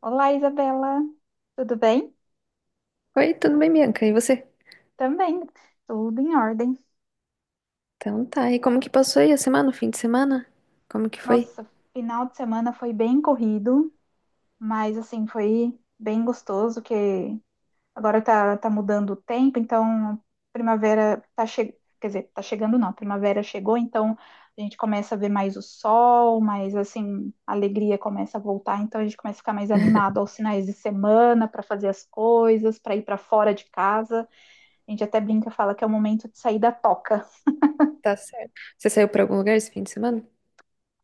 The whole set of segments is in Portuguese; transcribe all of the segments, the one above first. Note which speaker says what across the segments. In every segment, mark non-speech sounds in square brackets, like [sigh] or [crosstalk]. Speaker 1: Olá, Isabela. Tudo bem?
Speaker 2: Oi, tudo bem, Bianca? E você?
Speaker 1: Também, tudo em ordem.
Speaker 2: Então tá. E como que passou aí a semana, o fim de semana? Como que foi?
Speaker 1: Nossa, final de semana foi bem corrido, mas assim, foi bem gostoso que agora tá mudando o tempo, então primavera tá chegando, quer dizer, tá chegando não, primavera chegou, então a gente começa a ver mais o sol, mas assim, a alegria começa a voltar, então a gente começa a ficar mais animado
Speaker 2: [laughs]
Speaker 1: aos finais de semana para fazer as coisas, para ir para fora de casa. A gente até brinca, fala que é o momento de sair da toca.
Speaker 2: Tá certo. Você saiu pra algum lugar esse fim de semana?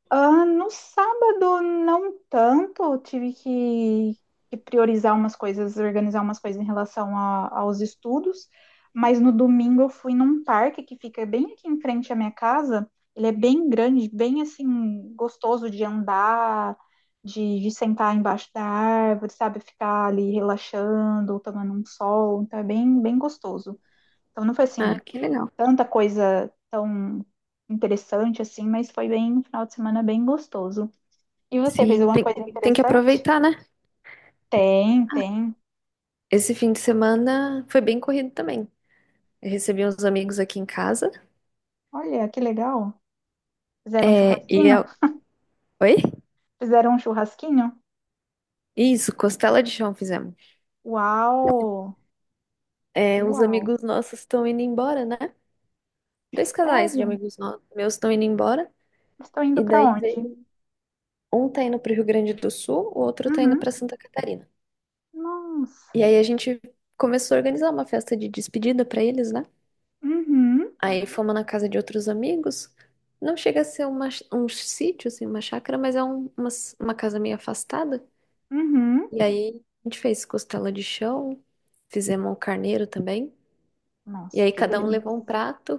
Speaker 1: Ah, no sábado, não tanto. Eu tive que priorizar umas coisas, organizar umas coisas em relação aos estudos. Mas no domingo eu fui num parque que fica bem aqui em frente à minha casa. Ele é bem grande, bem assim, gostoso de andar, de sentar embaixo da árvore, sabe? Ficar ali relaxando, tomando um sol. Então é bem, bem gostoso. Então não foi
Speaker 2: Ah,
Speaker 1: assim,
Speaker 2: que legal.
Speaker 1: tanta coisa tão interessante assim, mas foi bem, um final de semana bem gostoso. E você fez
Speaker 2: Sim,
Speaker 1: alguma
Speaker 2: tem,
Speaker 1: coisa
Speaker 2: tem que
Speaker 1: interessante?
Speaker 2: aproveitar, né?
Speaker 1: Tem, tem.
Speaker 2: Esse fim de semana foi bem corrido também. Eu recebi uns amigos aqui em casa.
Speaker 1: Olha, que legal. Fizeram um
Speaker 2: É, e
Speaker 1: churrasquinho?
Speaker 2: eu... Oi?
Speaker 1: Fizeram um churrasquinho?
Speaker 2: Isso, costela de chão fizemos.
Speaker 1: Uau!
Speaker 2: É, uns
Speaker 1: Uau!
Speaker 2: amigos nossos estão indo embora, né? Dois casais de
Speaker 1: Sério?
Speaker 2: amigos meus estão indo embora.
Speaker 1: Estão indo
Speaker 2: E
Speaker 1: para
Speaker 2: daí
Speaker 1: onde?
Speaker 2: veio... Um tá indo pro Rio Grande do Sul, o outro tá indo
Speaker 1: Uhum.
Speaker 2: pra Santa Catarina.
Speaker 1: Nossa.
Speaker 2: E aí a gente começou a organizar uma festa de despedida pra eles, né?
Speaker 1: Uhum.
Speaker 2: Aí fomos na casa de outros amigos. Não chega a ser um sítio, assim, uma chácara, mas é uma casa meio afastada.
Speaker 1: Uhum.
Speaker 2: E aí a gente fez costela de chão, fizemos um carneiro também. E
Speaker 1: Nossa,
Speaker 2: aí
Speaker 1: que
Speaker 2: cada um
Speaker 1: delícia.
Speaker 2: levou um prato.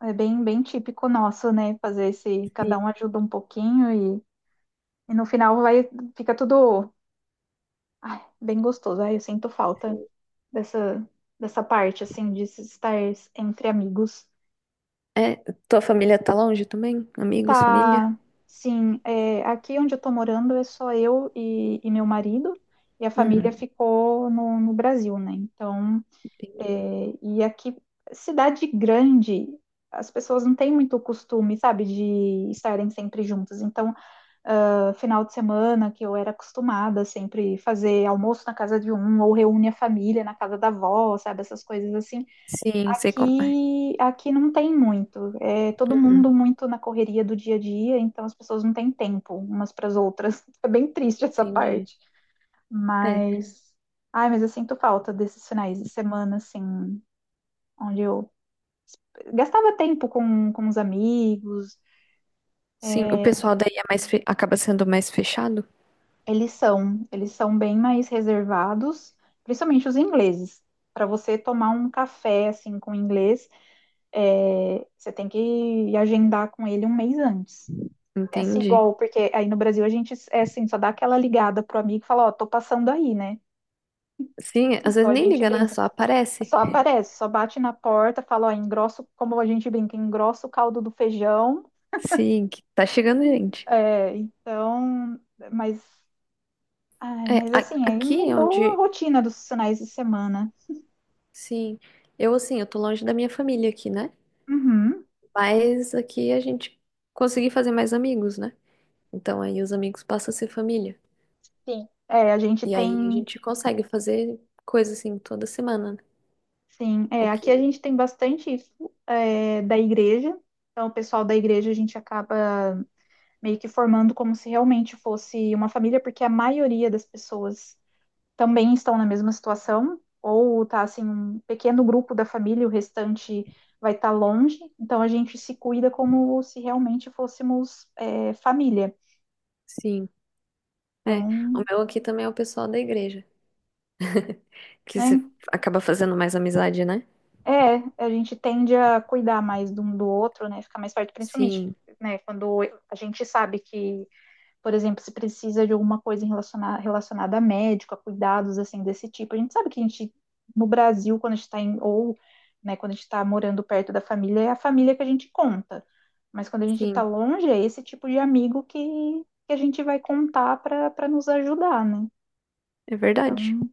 Speaker 1: É bem, bem típico nosso, né? Fazer esse, cada
Speaker 2: Sim.
Speaker 1: um ajuda um pouquinho e, e no final vai, fica tudo bem gostoso. Ai, eu sinto falta dessa, dessa parte, assim, de se estar entre amigos.
Speaker 2: É, tua família tá longe também? Amigos, família?
Speaker 1: Tá, sim, é, aqui onde eu tô morando é só eu e meu marido, e a família
Speaker 2: Uhum,
Speaker 1: ficou no, no Brasil, né? Então,
Speaker 2: entendi.
Speaker 1: é, e aqui, cidade grande, as pessoas não têm muito costume, sabe, de estarem sempre juntas. Então, ah, final de semana, que eu era acostumada sempre fazer almoço na casa de um, ou reúne a família na casa da avó, sabe? Essas coisas assim.
Speaker 2: Sim, sei como é.
Speaker 1: Aqui não tem muito. É todo
Speaker 2: Uhum,
Speaker 1: mundo muito na correria do dia a dia, então as pessoas não têm tempo umas para as outras. [laughs] É bem triste essa
Speaker 2: entendi.
Speaker 1: parte.
Speaker 2: É,
Speaker 1: Mas. Ai, mas eu sinto falta desses finais de semana, assim, onde eu gastava tempo com os amigos.
Speaker 2: sim, o
Speaker 1: É,
Speaker 2: pessoal daí é mais acaba sendo mais fechado?
Speaker 1: Eles são bem mais reservados, principalmente os ingleses. Para você tomar um café assim com inglês, é, você tem que agendar com ele um mês antes. É assim,
Speaker 2: Entendi.
Speaker 1: igual, porque aí no Brasil a gente é assim, só dá aquela ligada pro amigo e fala, ó, tô passando aí, né?
Speaker 2: Sim, às
Speaker 1: Então
Speaker 2: vezes
Speaker 1: a
Speaker 2: nem
Speaker 1: gente
Speaker 2: liga, né?
Speaker 1: brinca.
Speaker 2: Só aparece.
Speaker 1: Só aparece, só bate na porta, fala, ó, engrosso, como a gente brinca, engrossa o caldo do feijão.
Speaker 2: Sim, que tá chegando gente.
Speaker 1: É, então, mas, ai,
Speaker 2: É,
Speaker 1: mas assim, aí
Speaker 2: aqui é
Speaker 1: mudou a
Speaker 2: onde,
Speaker 1: rotina dos finais de semana.
Speaker 2: sim, eu assim, eu tô longe da minha família aqui, né?
Speaker 1: Uhum.
Speaker 2: Mas aqui a gente consegui fazer mais amigos, né? Então aí os amigos passam a ser família.
Speaker 1: Sim. É, a gente
Speaker 2: E aí a
Speaker 1: tem,
Speaker 2: gente consegue fazer coisa assim toda semana, né?
Speaker 1: sim,
Speaker 2: O
Speaker 1: é, aqui a
Speaker 2: que,
Speaker 1: gente tem bastante isso é, da igreja. Então, o pessoal da igreja a gente acaba meio que formando como se realmente fosse uma família, porque a maioria das pessoas também estão na mesma situação, ou tá assim, um pequeno grupo da família, o restante vai estar longe. Então, a gente se cuida como se realmente fôssemos é, família.
Speaker 2: sim, é. O
Speaker 1: Então,
Speaker 2: meu aqui também é o pessoal da igreja, que
Speaker 1: né?
Speaker 2: você acaba fazendo mais amizade, né?
Speaker 1: É, a gente tende a cuidar mais de um do outro, né? Ficar mais perto, principalmente,
Speaker 2: Sim,
Speaker 1: né? Quando a gente sabe que, por exemplo, se precisa de alguma coisa relacionada a médico, a cuidados assim desse tipo. A gente sabe que a gente, no Brasil, quando a gente está em, ou, né, quando a gente está morando perto da família, é a família que a gente conta. Mas quando a gente está
Speaker 2: sim,
Speaker 1: longe, é esse tipo de amigo que a gente vai contar para nos ajudar, né?
Speaker 2: é verdade.
Speaker 1: Então,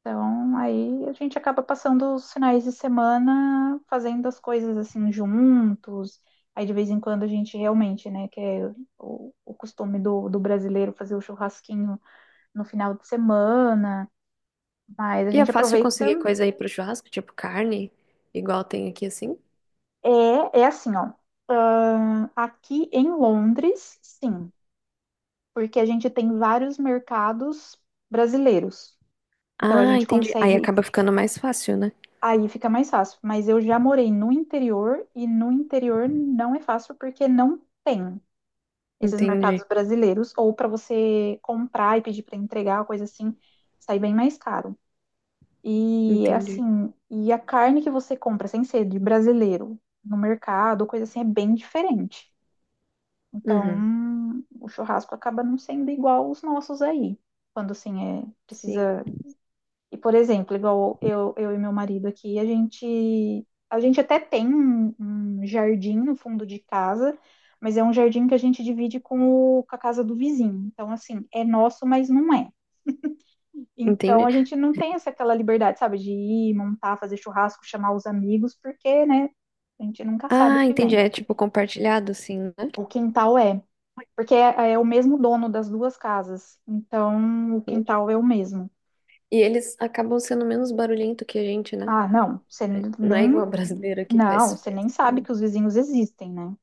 Speaker 1: então, aí a gente acaba passando os finais de semana fazendo as coisas assim juntos. Aí de vez em quando a gente realmente, né, que é o costume do brasileiro fazer o churrasquinho no final de semana. Mas a
Speaker 2: E é
Speaker 1: gente
Speaker 2: fácil
Speaker 1: aproveita.
Speaker 2: conseguir coisa aí pro churrasco, tipo carne, igual tem aqui assim?
Speaker 1: É, é assim, ó. Aqui em Londres, sim, porque a gente tem vários mercados brasileiros. Então a
Speaker 2: Ah,
Speaker 1: gente
Speaker 2: entendi. Aí
Speaker 1: consegue.
Speaker 2: acaba ficando mais fácil, né?
Speaker 1: Aí fica mais fácil. Mas eu já morei no interior e no interior não é fácil porque não tem esses mercados
Speaker 2: Entendi,
Speaker 1: brasileiros. Ou para você comprar e pedir para entregar, coisa assim, sai bem mais caro. E
Speaker 2: entendi.
Speaker 1: assim, e a carne que você compra sem ser de brasileiro no mercado, coisa assim, é bem diferente.
Speaker 2: Uhum,
Speaker 1: Então, o churrasco acaba não sendo igual os nossos aí. Quando assim, é,
Speaker 2: sim,
Speaker 1: precisa e, por exemplo, igual eu e meu marido aqui, a gente até tem um, um jardim no fundo de casa, mas é um jardim que a gente divide com a casa do vizinho. Então, assim, é nosso, mas não é. Então,
Speaker 2: entendi.
Speaker 1: a gente não tem essa aquela liberdade, sabe, de ir, montar, fazer churrasco, chamar os amigos, porque, né, a gente nunca sabe o
Speaker 2: Ah,
Speaker 1: que
Speaker 2: entendi.
Speaker 1: vem.
Speaker 2: É tipo compartilhado, assim, né?
Speaker 1: O quintal é. Porque é, é o mesmo dono das duas casas. Então, o
Speaker 2: Entendi.
Speaker 1: quintal é o mesmo.
Speaker 2: E eles acabam sendo menos barulhento que a gente, né?
Speaker 1: Ah, não, você
Speaker 2: Não é
Speaker 1: nem
Speaker 2: igual [laughs] brasileiro que
Speaker 1: Não,
Speaker 2: faz
Speaker 1: você nem
Speaker 2: festa
Speaker 1: sabe
Speaker 2: aí.
Speaker 1: que os vizinhos existem, né?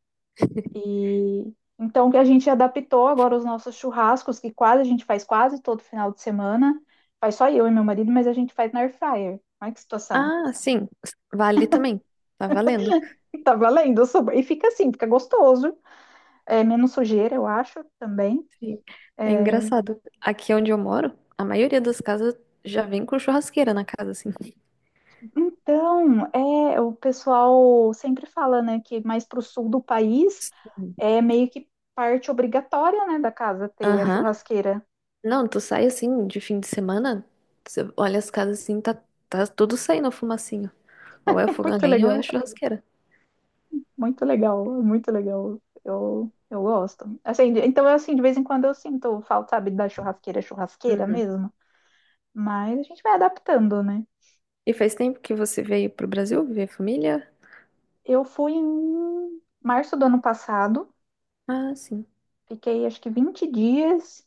Speaker 1: E então que a gente adaptou agora os nossos churrascos, que quase a gente faz quase todo final de semana. Faz só eu e meu marido, mas a gente faz na air fryer. Olha que situação.
Speaker 2: Ah, sim. Vale também. Tá valendo.
Speaker 1: [laughs] Tá valendo super. E fica assim, fica gostoso. É menos sujeira, eu acho, também.
Speaker 2: Sim. É engraçado. Aqui onde eu moro, a maioria das casas já vem com churrasqueira na casa, assim.
Speaker 1: Então, é, o pessoal sempre fala, né, que mais pro sul do país
Speaker 2: Sim.
Speaker 1: é meio que parte obrigatória, né, da casa ter a
Speaker 2: Aham.
Speaker 1: churrasqueira. [laughs]
Speaker 2: Não, tu sai assim de fim de semana, você olha as casas assim, tá, tá tudo saindo fumacinho. Ou é o
Speaker 1: É
Speaker 2: fogão a
Speaker 1: muito
Speaker 2: lenha ou é a
Speaker 1: legal.
Speaker 2: churrasqueira.
Speaker 1: Muito legal, muito legal. Eu gosto. Assim, então, assim, de vez em quando eu sinto falta, sabe, da churrasqueira, churrasqueira
Speaker 2: Uhum.
Speaker 1: mesmo. Mas a gente vai adaptando, né?
Speaker 2: E faz tempo que você veio pro Brasil ver família?
Speaker 1: Eu fui em março do ano passado,
Speaker 2: Ah, sim,
Speaker 1: fiquei acho que 20 dias.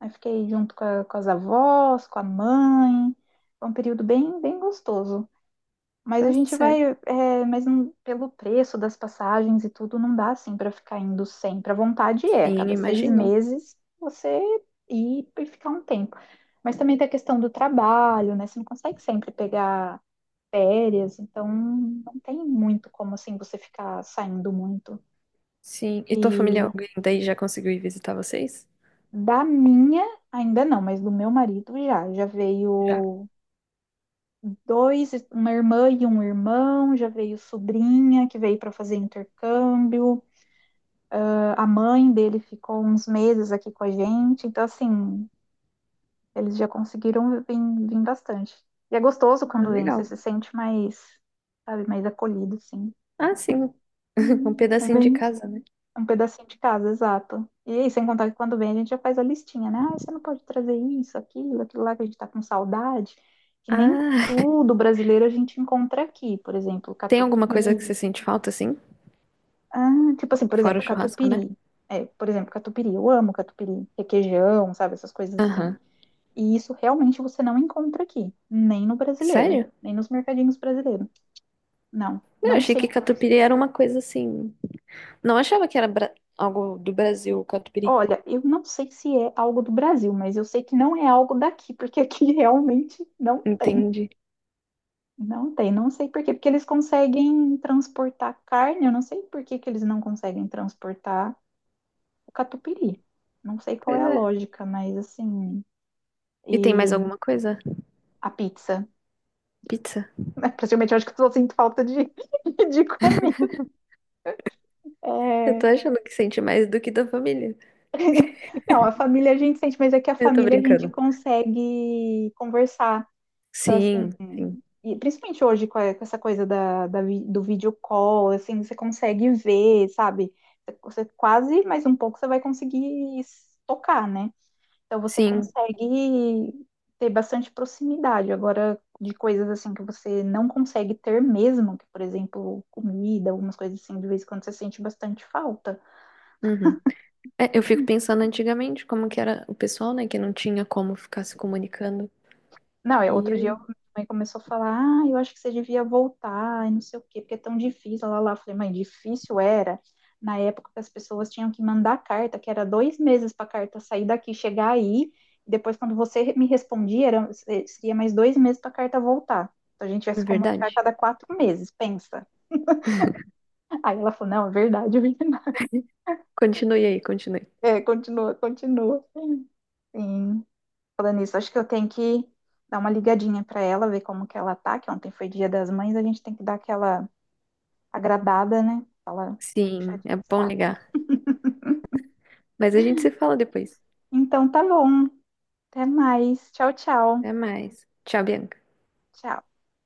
Speaker 1: Aí fiquei junto com as avós, com a mãe. Foi um período bem, bem gostoso. Mas
Speaker 2: tá
Speaker 1: a gente vai,
Speaker 2: certo.
Speaker 1: é, mas não- pelo preço das passagens e tudo, não dá assim para ficar indo sempre. A vontade é, a
Speaker 2: Sim,
Speaker 1: cada seis
Speaker 2: imagino.
Speaker 1: meses você ir e ficar um tempo. Mas também tem a questão do trabalho, né? Você não consegue sempre pegar férias, então não tem muito como assim você ficar saindo muito.
Speaker 2: Sim. E tua família,
Speaker 1: E
Speaker 2: alguém daí já conseguiu ir visitar vocês?
Speaker 1: da minha, ainda não, mas do meu marido já. Já
Speaker 2: Já.
Speaker 1: veio dois, uma irmã e um irmão, já veio sobrinha que veio para fazer intercâmbio. A mãe dele ficou uns meses aqui com a gente, então assim, eles já conseguiram vir bastante. E é gostoso
Speaker 2: Ah,
Speaker 1: quando vem, você
Speaker 2: legal.
Speaker 1: se sente mais, sabe, mais acolhido, assim.
Speaker 2: Ah, sim. [laughs] Um
Speaker 1: Hum. É
Speaker 2: pedacinho de
Speaker 1: bem,
Speaker 2: casa, né?
Speaker 1: um pedacinho de casa, exato. E aí, sem contar que quando vem a gente já faz a listinha, né? Ah, você não pode trazer isso, aquilo, aquilo lá que a gente tá com saudade, que nem
Speaker 2: Ah,
Speaker 1: tudo brasileiro a gente encontra aqui. Por exemplo,
Speaker 2: tem alguma coisa que
Speaker 1: catupiry.
Speaker 2: você sente falta assim?
Speaker 1: Ah, tipo assim, por
Speaker 2: Fora o
Speaker 1: exemplo,
Speaker 2: churrasco, né?
Speaker 1: catupiry. É, por exemplo, catupiry. Eu amo catupiry, requeijão, sabe? Essas coisas assim.
Speaker 2: Aham.
Speaker 1: E isso realmente você não encontra aqui, nem no brasileiro,
Speaker 2: Sério?
Speaker 1: nem nos mercadinhos brasileiros. Não,
Speaker 2: Eu
Speaker 1: não
Speaker 2: achei
Speaker 1: sei
Speaker 2: que catupiry era uma coisa assim. Não achava que era algo do Brasil, o catupiry.
Speaker 1: Olha, eu não sei se é algo do Brasil, mas eu sei que não é algo daqui, porque aqui [laughs] realmente não tem.
Speaker 2: Entendi.
Speaker 1: Não tem, não sei por quê, porque eles conseguem transportar carne, eu não sei por que que eles não conseguem transportar o catupiry. Não sei qual é
Speaker 2: Pois
Speaker 1: a
Speaker 2: é.
Speaker 1: lógica, mas assim,
Speaker 2: E tem
Speaker 1: e
Speaker 2: mais alguma coisa?
Speaker 1: a pizza.
Speaker 2: Pizza?
Speaker 1: [laughs] Praticamente eu acho que eu só sinto falta de, [laughs] de comida.
Speaker 2: Eu tô
Speaker 1: É,
Speaker 2: achando que sente mais do que da família.
Speaker 1: [laughs] não, a família a gente sente, mas é que a
Speaker 2: Eu tô
Speaker 1: família a gente
Speaker 2: brincando.
Speaker 1: consegue conversar. Então,
Speaker 2: Sim,
Speaker 1: assim,
Speaker 2: sim,
Speaker 1: e principalmente hoje com essa coisa da do vídeo call, assim, você consegue ver, sabe? Você quase, mais um pouco, você vai conseguir tocar, né? Então você
Speaker 2: sim.
Speaker 1: consegue ter bastante proximidade. Agora, de coisas assim que você não consegue ter mesmo, que, por exemplo, comida, algumas coisas assim, de vez em quando você sente bastante falta.
Speaker 2: Uhum. É, eu fico pensando antigamente como que era o pessoal, né, que não tinha como ficar se comunicando.
Speaker 1: Não,
Speaker 2: E aí?
Speaker 1: minha mãe começou a falar, ah, eu acho que você devia voltar e não sei o quê, porque é tão difícil, lá. Eu falei, mãe, difícil era na época que as pessoas tinham que mandar carta, que era 2 meses para a carta sair daqui, chegar aí, e depois quando você me respondia, era, seria mais 2 meses para a carta voltar. Então a gente vai
Speaker 2: É
Speaker 1: se comunicar a
Speaker 2: verdade.
Speaker 1: cada 4 meses, pensa. Aí ela falou, não, é verdade, [laughs] é verdade.
Speaker 2: Continue aí, continue.
Speaker 1: É, continua, continua. Sim, falando nisso, acho que eu tenho que dar uma ligadinha pra ela, ver como que ela tá, que ontem foi Dia das Mães, a gente tem que dar aquela agradada, né? Fala,
Speaker 2: Sim,
Speaker 1: puxadinha
Speaker 2: é
Speaker 1: de
Speaker 2: bom
Speaker 1: saco.
Speaker 2: ligar. Mas a gente se fala depois.
Speaker 1: Então tá bom. Até mais. Tchau, tchau.
Speaker 2: Até mais. Tchau, Bianca.
Speaker 1: Tchau.